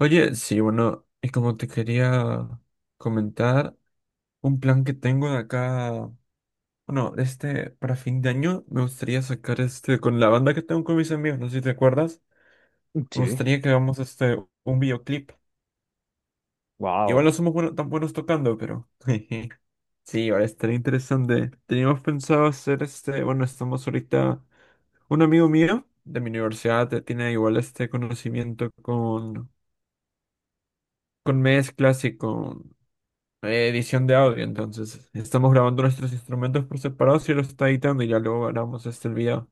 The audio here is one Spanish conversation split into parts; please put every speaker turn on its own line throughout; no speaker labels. Oye, sí, bueno, y como te quería comentar, un plan que tengo de acá, bueno, para fin de año, me gustaría sacar con la banda que tengo con mis amigos, no sé si te acuerdas, me
Sí,
gustaría que hagamos un videoclip. Igual
wow.
no somos tan buenos tocando, pero sí, ahora estaría interesante. Teníamos pensado hacer bueno, estamos ahorita, un amigo mío de mi universidad tiene igual este conocimiento con mezclas y con edición de audio. Entonces, estamos grabando nuestros instrumentos por separado y los está editando y ya luego grabamos este el video.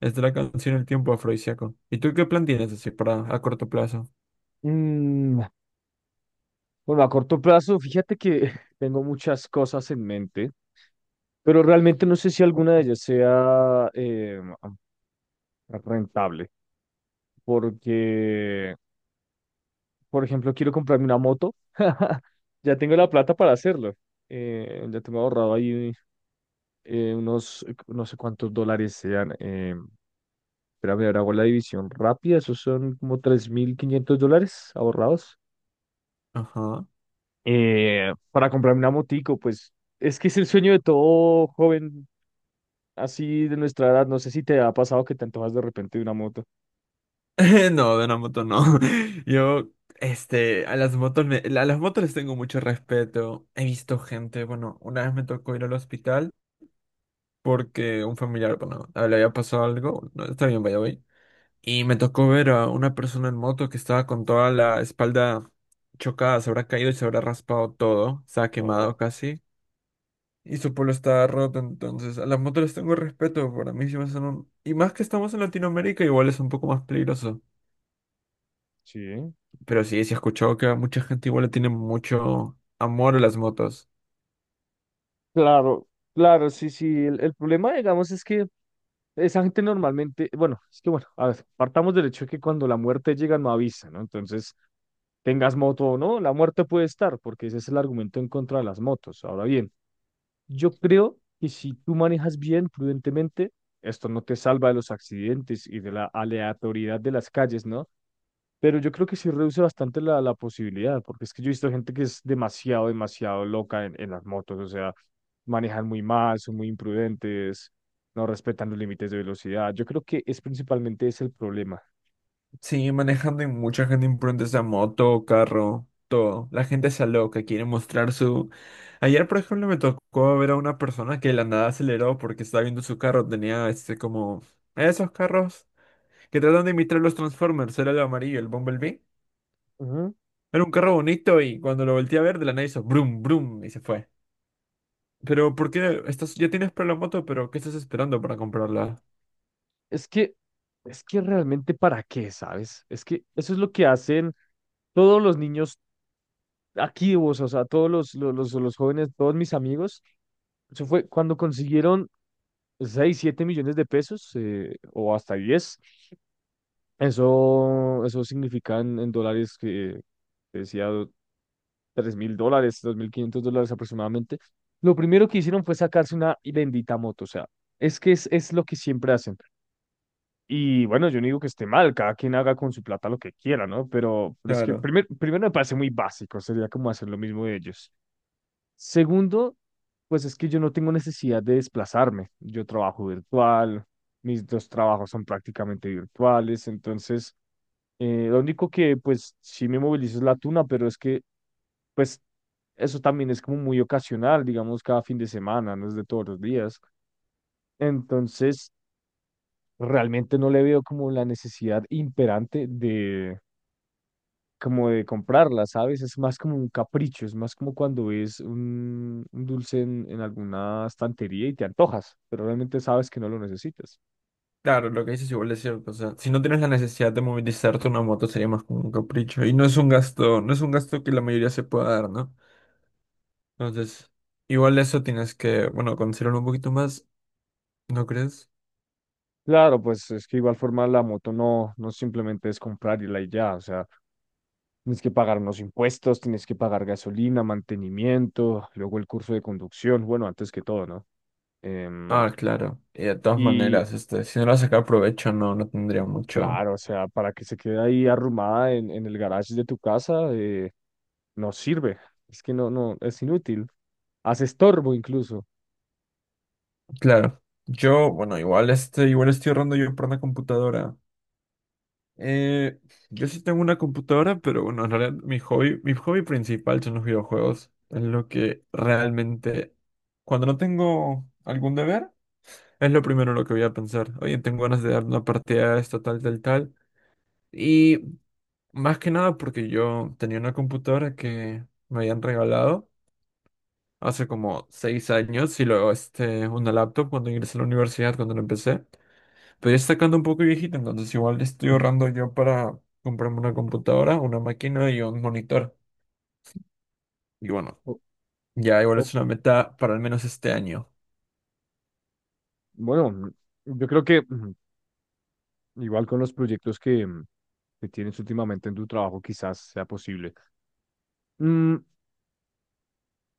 Es de la canción El tiempo afrodisíaco. ¿Y tú qué plan tienes así para a corto plazo?
Mm, bueno, a corto plazo, fíjate que tengo muchas cosas en mente, pero realmente no sé si alguna de ellas sea rentable, porque, por ejemplo, quiero comprarme una moto. Ya tengo la plata para hacerlo. Ya tengo ahorrado ahí unos, no sé cuántos dólares sean. Espera, a ver, hago la división rápida. Esos son como 3.500 dólares ahorrados.
Ajá.
Para comprarme una motico, pues es que es el sueño de todo joven así de nuestra edad. No sé si te ha pasado que te antojas de repente de una moto.
No, de una moto no. Yo, este, a las a las motos les tengo mucho respeto. He visto gente, bueno, una vez me tocó ir al hospital porque un familiar, bueno, le había pasado algo. No, está bien, vaya, y me tocó ver a una persona en moto que estaba con toda la espalda chocada, se habrá caído y se habrá raspado todo, estaba quemado
No,
casi. Y su polo estaba roto, entonces a las motos les tengo respeto, para mí sí me son un... Y más que estamos en Latinoamérica, igual es un poco más peligroso.
sí.
Pero sí, sí he escuchado que a mucha gente igual le tiene mucho amor a las motos.
Claro, claro, sí, sí. El problema, digamos, es que esa gente normalmente, bueno, es que bueno, a ver, partamos del hecho de que cuando la muerte llega no avisa, ¿no? Entonces, tengas moto o no, la muerte puede estar, porque ese es el argumento en contra de las motos. Ahora bien. Yo creo que si tú manejas bien, prudentemente, esto no te salva de los accidentes y de la aleatoriedad de las calles, ¿no? Pero yo creo que sí reduce bastante la posibilidad, porque es que yo he visto gente que es demasiado, demasiado loca en las motos, o sea, manejan muy mal, son muy imprudentes, no respetan los límites de velocidad. Yo creo que es principalmente ese el problema.
Sí, manejando y mucha gente imprudente esa moto, carro, todo. La gente se loca, quiere mostrar su... Ayer, por ejemplo, me tocó ver a una persona que de la nada aceleró porque estaba viendo su carro. Tenía este como... Esos carros que tratan de imitar los Transformers. Era el amarillo, el Bumblebee.
Ujú.
Era un carro bonito y cuando lo volteé a ver, de la nada hizo brum, brum y se fue. Pero, ¿por qué estás... ya tienes para la moto, pero ¿qué estás esperando para comprarla?
Es que, es que realmente para qué, ¿sabes? Es que eso es lo que hacen todos los niños aquí, vos, o sea, todos los jóvenes, todos mis amigos, eso fue cuando consiguieron 6 7 millones de pesos o hasta 10. Eso significa en dólares que decía 3.000 dólares, 2.500 dólares aproximadamente. Lo primero que hicieron fue sacarse una bendita moto, o sea, es que es lo que siempre hacen. Y bueno, yo no digo que esté mal, cada quien haga con su plata lo que quiera, ¿no? Pero es que
Claro.
primero me parece muy básico, sería como hacer lo mismo de ellos. Segundo, pues es que yo no tengo necesidad de desplazarme. Yo trabajo virtual, mis dos trabajos son prácticamente virtuales, entonces lo único que pues sí me movilizo es la tuna, pero es que pues eso también es como muy ocasional, digamos cada fin de semana, no es de todos los días. Entonces, realmente no le veo como la necesidad imperante de como de comprarla, ¿sabes? Es más como un capricho, es más como cuando ves un dulce en alguna estantería y te antojas, pero realmente sabes que no lo necesitas.
Claro, lo que dices igual es cierto. O sea, si no tienes la necesidad de movilizarte una moto sería más como un capricho. Y no es un gasto, no es un gasto que la mayoría se pueda dar, ¿no? Entonces, igual eso tienes que, bueno, considerarlo un poquito más, ¿no crees?
Claro, pues es que igual forma la moto no, no simplemente es comprarla y ya, o sea, tienes que pagar unos impuestos, tienes que pagar gasolina, mantenimiento, luego el curso de conducción, bueno, antes que todo, ¿no? Em,
Ah, claro. Y de todas
y,
maneras, este, si no lo sacar provecho, no, no tendría mucho.
claro, o sea, para que se quede ahí arrumada en el garage de tu casa, no sirve. Es que no, no, es inútil. Hace estorbo incluso.
Claro. Yo, bueno, igual este, igual estoy ahorrando yo por una computadora. Eh, yo sí tengo una computadora, pero bueno, en realidad mi hobby principal son los videojuegos. Es lo que realmente cuando no tengo algún deber, es lo primero en lo que voy a pensar. Oye, tengo ganas de dar una partida a esto, tal, tal, tal. Y más que nada porque yo tenía una computadora que me habían regalado hace como 6 años y luego este, una laptop cuando ingresé a la universidad, cuando la empecé. Pero ya está quedando un poco viejita, entonces igual estoy ahorrando yo para comprarme una computadora, una máquina y un monitor. Y bueno,
O-
ya igual
o,
es una meta para al menos este año.
bueno, yo creo que igual con los proyectos que que tienes últimamente en tu trabajo, quizás sea posible. Mm,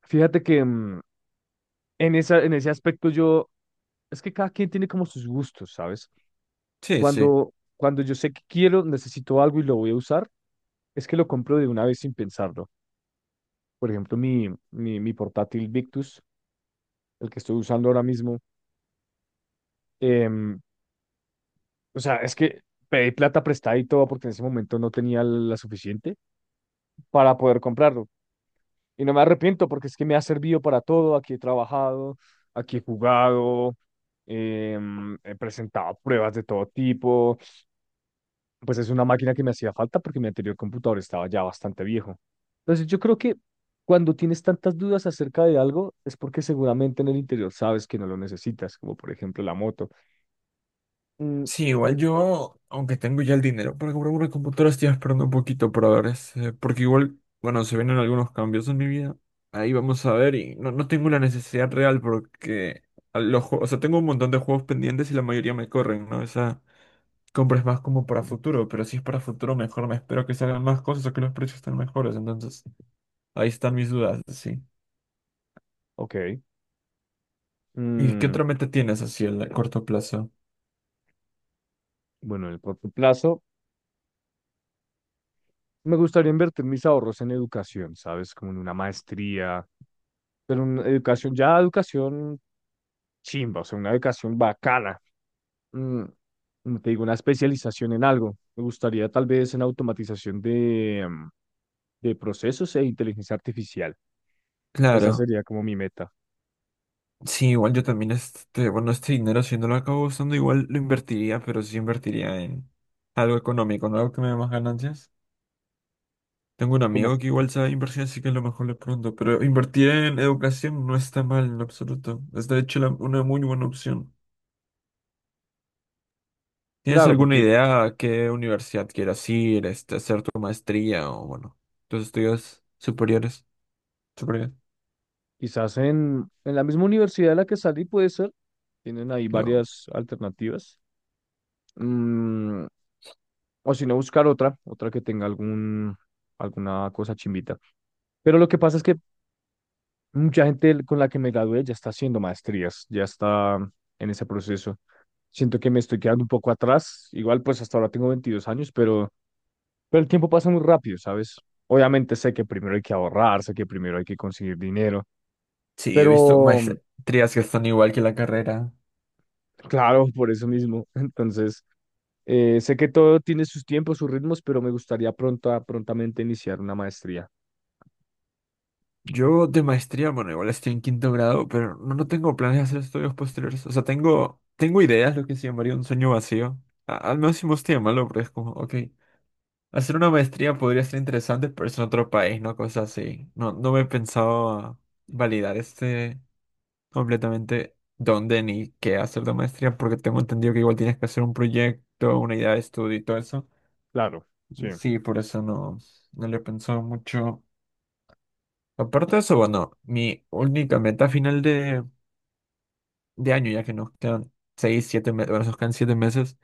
Fíjate que en esa, en ese aspecto yo, es que cada quien tiene como sus gustos, ¿sabes?
Sí, sí.
Cuando yo sé que quiero, necesito algo y lo voy a usar, es que lo compro de una vez sin pensarlo. Por ejemplo, mi portátil Victus, el que estoy usando ahora mismo, em, o sea, es que pedí plata prestada y todo porque en ese momento no tenía la suficiente para poder comprarlo. Y no me arrepiento porque es que me ha servido para todo. Aquí he trabajado, aquí he jugado, he presentado pruebas de todo tipo. Pues es una máquina que me hacía falta porque mi anterior computador estaba ya bastante viejo. Entonces yo creo que cuando tienes tantas dudas acerca de algo es porque seguramente en el interior sabes que no lo necesitas, como por ejemplo la moto. Mm,
Sí, igual
di-
yo, aunque tengo ya el dinero para comprar una computadora, estoy esperando un poquito para ver ese, porque igual, bueno, se vienen algunos cambios en mi vida. Ahí vamos a ver y no, no tengo la necesidad real porque a los juegos, o sea, tengo un montón de juegos pendientes y la mayoría me corren, ¿no? Esa compra es más como para futuro, pero si es para futuro mejor me espero que salgan más cosas o que los precios estén mejores, entonces ahí están mis dudas, sí.
ok.
¿Y qué
Mm,
otra meta tienes así a corto plazo?
bueno, en el corto plazo me gustaría invertir mis ahorros en educación, ¿sabes? Como en una maestría, pero una educación, ya educación chimba, o sea, una educación bacana, mm, como te digo, una especialización en algo. Me gustaría tal vez en automatización de de procesos e inteligencia artificial. Esa
Claro.
sería como mi meta.
Sí, igual yo también este, bueno, este dinero si no lo acabo usando, igual lo invertiría, pero sí invertiría en algo económico, no algo que me dé más ganancias. Tengo un
Como,
amigo que igual sabe inversión, así que a lo mejor le pronto, pero invertir en educación no está mal en lo absoluto. Es de hecho una muy buena opción. ¿Tienes
claro,
alguna
porque
idea a qué universidad quieras ir, este, hacer tu maestría o bueno, tus estudios superiores? Superiores.
quizás en la misma universidad de la que salí puede ser, tienen ahí
No.
varias alternativas. Mm, o si no, buscar otra, otra que tenga algún, alguna cosa chimbita. Pero lo que pasa es que mucha gente con la que me gradué ya está haciendo maestrías, ya está en ese proceso. Siento que me estoy quedando un poco atrás. Igual, pues hasta ahora tengo 22 años, pero el tiempo pasa muy rápido, ¿sabes? Obviamente sé que primero hay que ahorrar, sé que primero hay que conseguir dinero,
Sí, he visto
pero
maestrías que están igual que la carrera.
claro, por eso mismo. Entonces, sé que todo tiene sus tiempos, sus ritmos, pero me gustaría pronto, prontamente iniciar una maestría.
Yo de maestría, bueno, igual estoy en quinto grado, pero no, no tengo planes de hacer estudios posteriores. O sea, tengo ideas, lo que se llamaría un sueño vacío. Al menos si me gusta llamarlo, pero es como, ok, hacer una maestría podría ser interesante, pero es en otro país, ¿no? Cosas así. No, no me he pensado validar este completamente dónde ni qué hacer de maestría, porque tengo entendido que igual tienes que hacer un proyecto, una idea de estudio y todo eso.
Claro, sí.
Sí, por eso no, no le he pensado mucho. Aparte de eso, bueno, mi única meta final de año, ya que nos quedan seis, siete meses, bueno, nos quedan siete meses,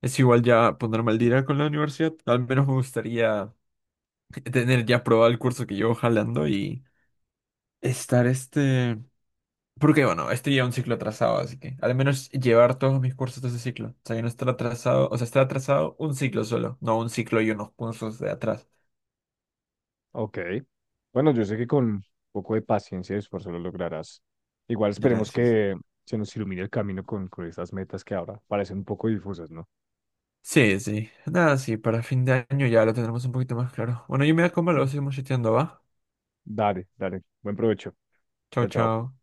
es igual ya ponerme al día con la universidad. Al menos me gustaría tener ya aprobado el curso que llevo jalando y estar este... Porque bueno, este lleva un ciclo atrasado, así que al menos llevar todos mis cursos de ese ciclo. O sea, ya no estar atrasado, o sea, estar atrasado un ciclo solo, no un ciclo y unos cursos de atrás.
Ok. Bueno, yo sé que con un poco de paciencia y esfuerzo lo lograrás. Igual esperemos
Gracias.
que se nos ilumine el camino con esas metas que ahora parecen un poco difusas, ¿no?
Sí, sí. Nada, sí, para fin de año ya lo tendremos un poquito más claro. Bueno, yo me voy a comer, luego seguimos chateando, ¿va?
Dale, dale. Buen provecho.
Chao,
Chao, chao.
chao.